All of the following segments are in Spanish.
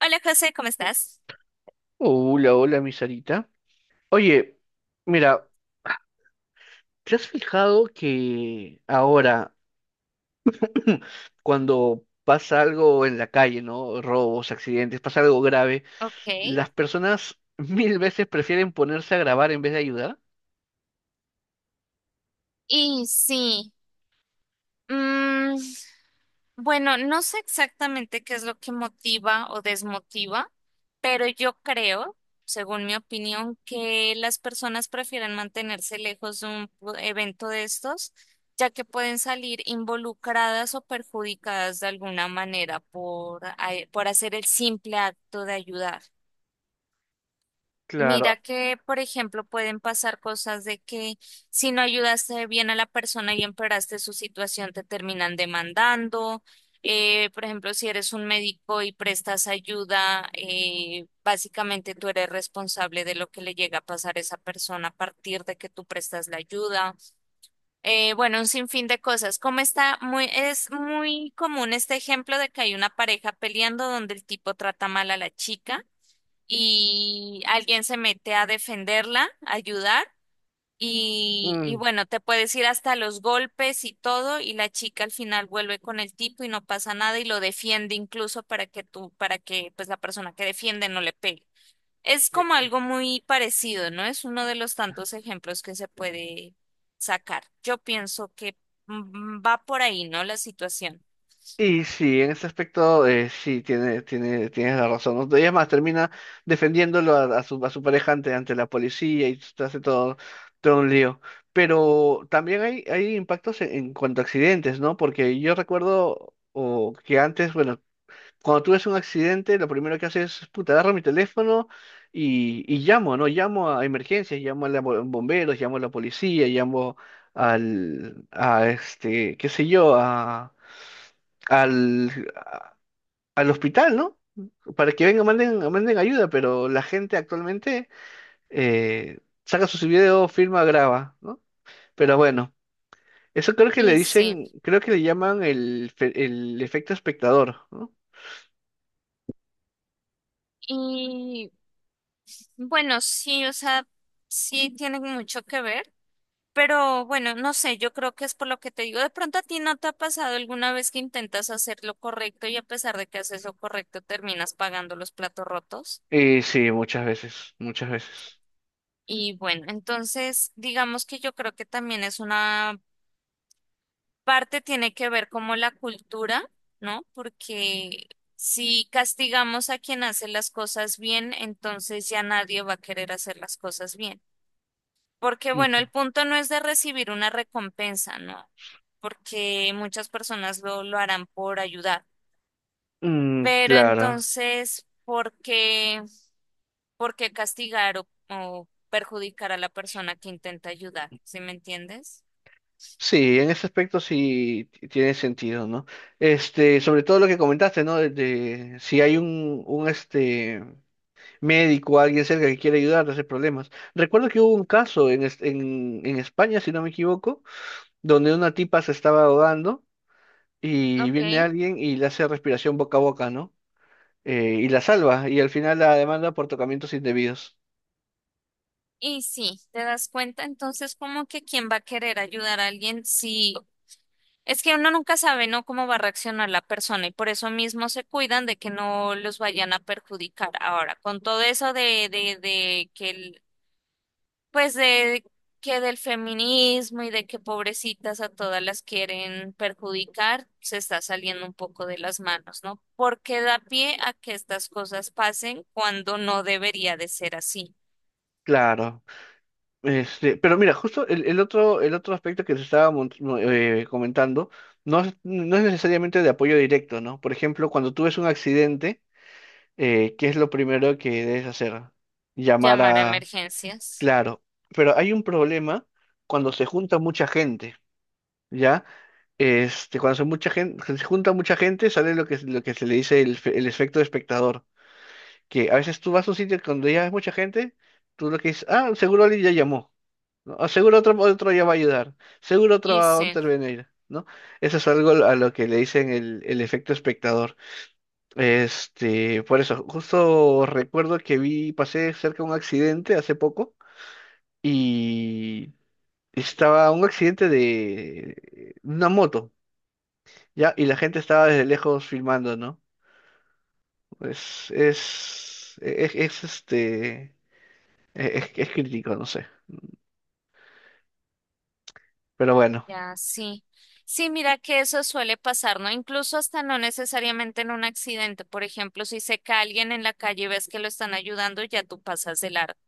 Hola José, ¿cómo estás? Hola, hola, mi Sarita. Oye, mira, ¿te has fijado que ahora, cuando pasa algo en la calle? ¿No? Robos, accidentes, pasa algo grave, Ok, las personas mil veces prefieren ponerse a grabar en vez de ayudar. y sí, mm, bueno, no sé exactamente qué es lo que motiva o desmotiva, pero yo creo, según mi opinión, que las personas prefieren mantenerse lejos de un evento de estos, ya que pueden salir involucradas o perjudicadas de alguna manera por, por hacer el simple acto de ayudar. Claro. Mira que, por ejemplo, pueden pasar cosas de que si no ayudaste bien a la persona y empeoraste su situación, te terminan demandando. Por ejemplo, si eres un médico y prestas ayuda, básicamente tú eres responsable de lo que le llega a pasar a esa persona a partir de que tú prestas la ayuda. Bueno, un sinfín de cosas. Como es muy común este ejemplo de que hay una pareja peleando donde el tipo trata mal a la chica y alguien se mete a defenderla, a ayudar, y Mm. bueno, te puedes ir hasta los golpes y todo, y la chica al final vuelve con el tipo y no pasa nada y lo defiende incluso para que tú, para que pues la persona que defiende no le pegue. Es como algo muy parecido, ¿no? Es uno de los tantos ejemplos que se puede sacar. Yo pienso que va por ahí, ¿no? La situación. Y sí, en ese aspecto sí, tienes la razón, ¿no? Y es más, termina defendiéndolo a su pareja ante la policía y te hace todo, todo un lío. Pero también hay impactos en cuanto a accidentes, ¿no? Porque yo recuerdo o que antes, bueno, cuando tú ves un accidente, lo primero que haces es, puta, agarro mi teléfono y llamo, ¿no? Llamo a emergencias, llamo a los bomberos, llamo a la policía, llamo a este, qué sé yo, al, a- al hospital, ¿no? Para que vengan, manden ayuda, pero la gente actualmente eh, saca sus videos, filma, graba, ¿no? Pero bueno, eso creo que le Y sí, dicen, creo que le llaman el, el efecto espectador, ¿no? y bueno, sí, o sea, sí tiene mucho que ver. Pero bueno, no sé, yo creo que es por lo que te digo. De pronto a ti no te ha pasado alguna vez que intentas hacer lo correcto y a pesar de que haces lo correcto terminas pagando los platos rotos. Y sí, muchas veces, muchas veces. Y bueno, entonces digamos que yo creo que también es una parte tiene que ver como la cultura, ¿no? Porque si castigamos a quien hace las cosas bien, entonces ya nadie va a querer hacer las cosas bien. Porque bueno, Ujú. el punto no es de recibir una recompensa, ¿no? Porque muchas personas lo harán por ayudar. Mm, Pero claro. entonces, ¿por qué castigar o perjudicar a la persona que intenta ayudar? ¿Sí me entiendes? Sí, en ese aspecto sí tiene sentido, ¿no? Este, sobre todo lo que comentaste, ¿no? De si hay un este médico, alguien cerca que quiere ayudar a hacer problemas. Recuerdo que hubo un caso en España, si no me equivoco, donde una tipa se estaba ahogando y viene Ok. alguien y le hace respiración boca a boca, ¿no? Y la salva, y al final la demanda por tocamientos indebidos. Y sí, te das cuenta entonces como que quién va a querer ayudar a alguien si. Es que uno nunca sabe, ¿no? Cómo va a reaccionar la persona y por eso mismo se cuidan de que no los vayan a perjudicar. Ahora, con todo eso de que pues de que del feminismo y de que pobrecitas a todas las quieren perjudicar, se está saliendo un poco de las manos, ¿no? Porque da pie a que estas cosas pasen cuando no debería de ser así. Claro. Este, pero mira, justo el otro aspecto que te estaba comentando no es, no es necesariamente de apoyo directo, ¿no? Por ejemplo, cuando tú ves un accidente, ¿qué es lo primero que debes hacer? Llamar Llamar a a... emergencias. Claro, pero hay un problema cuando se junta mucha gente, ¿ya? Este, cuando se, mucha gente, se junta mucha gente, sale lo que, lo que se le dice el, el efecto de espectador, que a veces tú vas a un sitio cuando ya hay mucha gente, tú lo que dices, ah, seguro alguien ya llamó, ¿no? O seguro otro, otro ya va a ayudar, seguro otro Y va a sí. intervenir, ¿no? Eso es algo a lo que le dicen el efecto espectador. Este, por eso, justo recuerdo que pasé cerca de un accidente hace poco y estaba un accidente de una moto, ¿ya? Y la gente estaba desde lejos filmando, ¿no? Es, este, e, es crítico, no sé. Pero bueno, Ya, sí. Sí, mira que eso suele pasar, ¿no? Incluso hasta no necesariamente en un accidente. Por ejemplo, si se cae alguien en la calle y ves que lo están ayudando, ya tú pasas de largo.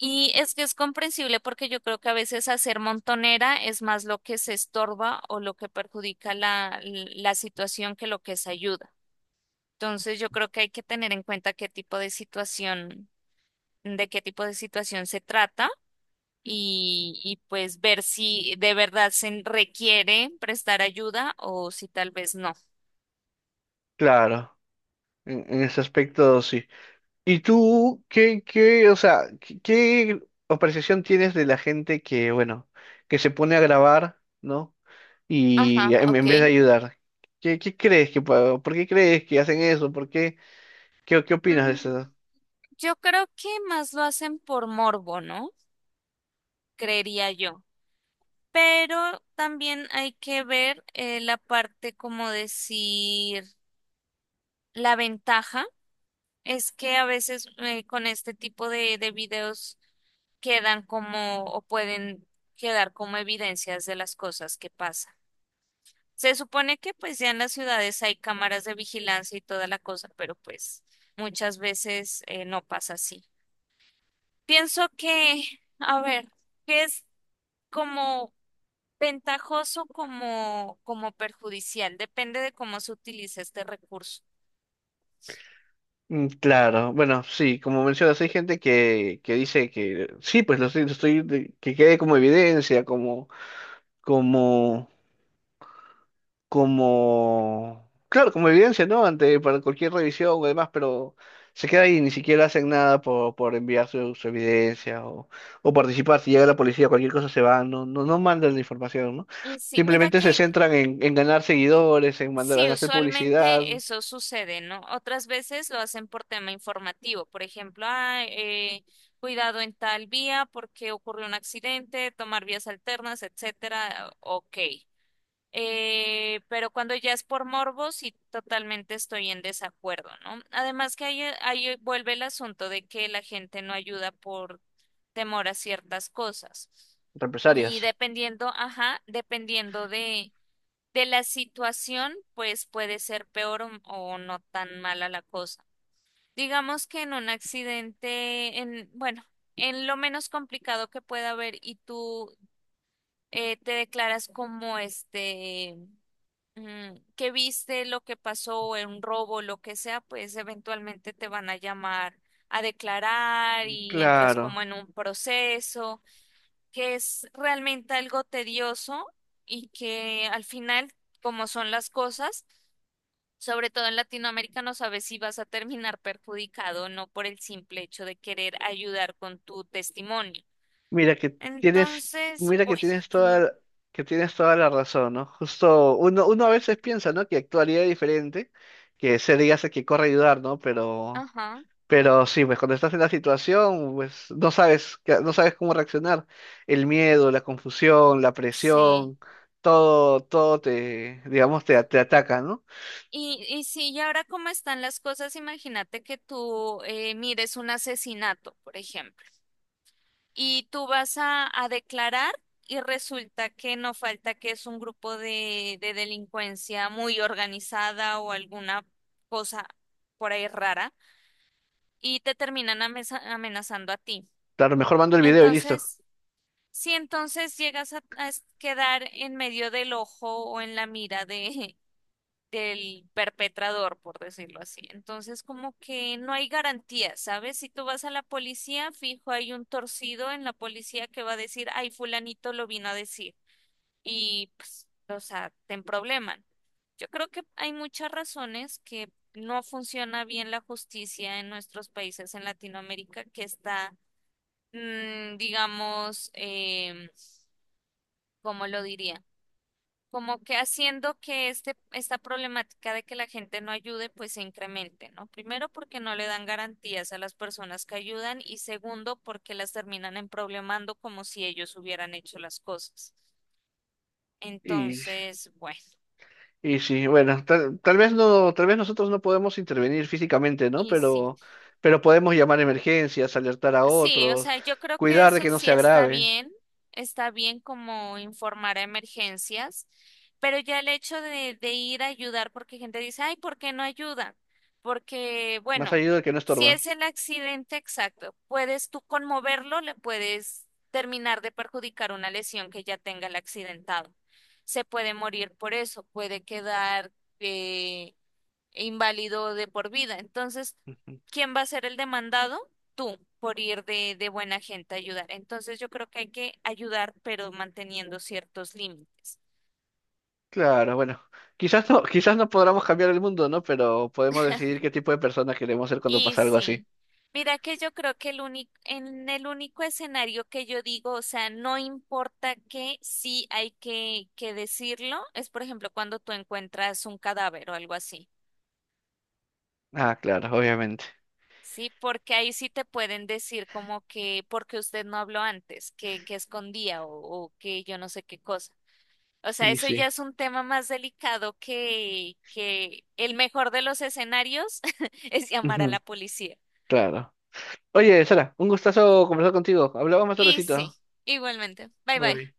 Y es que es comprensible porque yo creo que a veces hacer montonera es más lo que se estorba o lo que perjudica la situación que lo que se ayuda. Entonces, yo creo que hay que tener en cuenta qué tipo de situación, de qué tipo de situación se trata y pues ver si de verdad se requiere prestar ayuda o si tal vez no. claro, en ese aspecto sí. ¿Y tú o sea, qué apreciación tienes de la gente que, bueno, que se pone a grabar, ¿no? Ajá, Y en ok. vez de ayudar, ¿qué, qué crees que, por qué crees que hacen eso? ¿Por qué, qué, qué opinas de Mm, eso? Yo creo que más lo hacen por morbo, ¿no? Creería yo. Pero también hay que ver la parte, como decir, la ventaja es que a veces con este tipo de videos quedan como o pueden quedar como evidencias de las cosas que pasan. Se supone que pues ya en las ciudades hay cámaras de vigilancia y toda la cosa, pero pues muchas veces no pasa así. Pienso que, a ver, que es como ventajoso como perjudicial, depende de cómo se utiliza este recurso. Mm. Claro, bueno, sí, como mencionas, hay gente que dice que sí, pues lo estoy, que quede como evidencia, como, como, como, claro, como evidencia, ¿no? Ante para cualquier revisión o demás, pero se queda ahí, ni siquiera hacen nada por enviar su, su evidencia o participar. Si llega la policía, cualquier cosa se va, no, no, no mandan la información, ¿no? Y sí, mira Simplemente se que centran en ganar seguidores, en mandar, en sí, hacer publicidad, usualmente eso sucede, ¿no? Otras veces lo hacen por tema informativo, por ejemplo, "Ah, cuidado en tal vía porque ocurrió un accidente, tomar vías alternas, etcétera". Ok. Pero cuando ya es por morbo, sí, totalmente estoy en desacuerdo, ¿no? Además que ahí vuelve el asunto de que la gente no ayuda por temor a ciertas cosas. Y represalias. dependiendo, ajá, dependiendo de la situación, pues puede ser peor o no tan mala la cosa. Digamos que en un accidente, en, bueno, en lo menos complicado que pueda haber y tú te declaras como que viste lo que pasó en un robo, lo que sea, pues eventualmente te van a llamar a declarar y entras como Claro. en un proceso que es realmente algo tedioso y que al final, como son las cosas, sobre todo en Latinoamérica no sabes si vas a terminar perjudicado o no por el simple hecho de querer ayudar con tu testimonio. Mira que tienes, Entonces, mira bueno, yo, que tienes toda la razón, ¿no? Justo uno, uno a veces piensa, ¿no? Que actuaría diferente, que se diga que corre a ayudar, ¿no? Pero ajá, Pero sí, pues cuando estás en la situación, pues no sabes, no sabes cómo reaccionar. El miedo, la confusión, la sí. presión, todo, todo te, digamos, te ataca, ¿no? Y sí, y ahora cómo están las cosas, imagínate que tú mires un asesinato, por ejemplo, y tú vas a declarar y resulta que no falta que es un grupo de delincuencia muy organizada o alguna cosa por ahí rara y te terminan amenazando a ti. Claro, mejor mando el video y listo. Entonces, si entonces llegas a quedar en medio del ojo o en la mira del perpetrador, por decirlo así, entonces como que no hay garantía, ¿sabes? Si tú vas a la policía, fijo, hay un torcido en la policía que va a decir, ay, fulanito lo vino a decir. Y pues, o sea, te probleman. Yo creo que hay muchas razones que no funciona bien la justicia en nuestros países en Latinoamérica, que está digamos, ¿cómo lo diría? Como que haciendo que esta problemática de que la gente no ayude, pues se incremente, ¿no? Primero, porque no le dan garantías a las personas que ayudan y segundo, porque las terminan emproblemando como si ellos hubieran hecho las cosas. Y, Entonces, bueno, y sí, bueno, tal vez no, tal vez nosotros no podemos intervenir físicamente, ¿no? y sí. Pero podemos llamar a emergencias, alertar a Sí, o otros, sea, yo creo que cuidar de eso que no se sí agrave, está bien como informar a emergencias, pero ya el hecho de ir a ayudar, porque gente dice, ay, ¿por qué no ayuda? Porque, más bueno, allá de que no si estorba. es el accidente exacto, puedes tú conmoverlo, le puedes terminar de perjudicar una lesión que ya tenga el accidentado. Se puede morir por eso, puede quedar eh, e inválido de por vida. Entonces, ¿quién va a ser el demandado? Tú, por ir de buena gente a ayudar. Entonces, yo creo que hay que ayudar, pero manteniendo ciertos límites. Claro, bueno, quizás no podamos cambiar el mundo, ¿no? Pero podemos decidir qué tipo de persona queremos ser cuando Y pasa algo así. sí, mira que yo creo que en el único escenario que yo digo, o sea, no importa que sí hay que decirlo, es por ejemplo cuando tú encuentras un cadáver o algo así. Ah, claro, obviamente. Sí, porque ahí sí te pueden decir como que porque usted no habló antes, que escondía o que yo no sé qué cosa. O sea, Y eso ya sí. es un tema más delicado que el mejor de los escenarios es llamar a la Ujú, policía. claro. Oye, Sara, un gustazo conversar contigo. Hablamos más Y sí, tardecito. igualmente. Bye Bye bye. bye.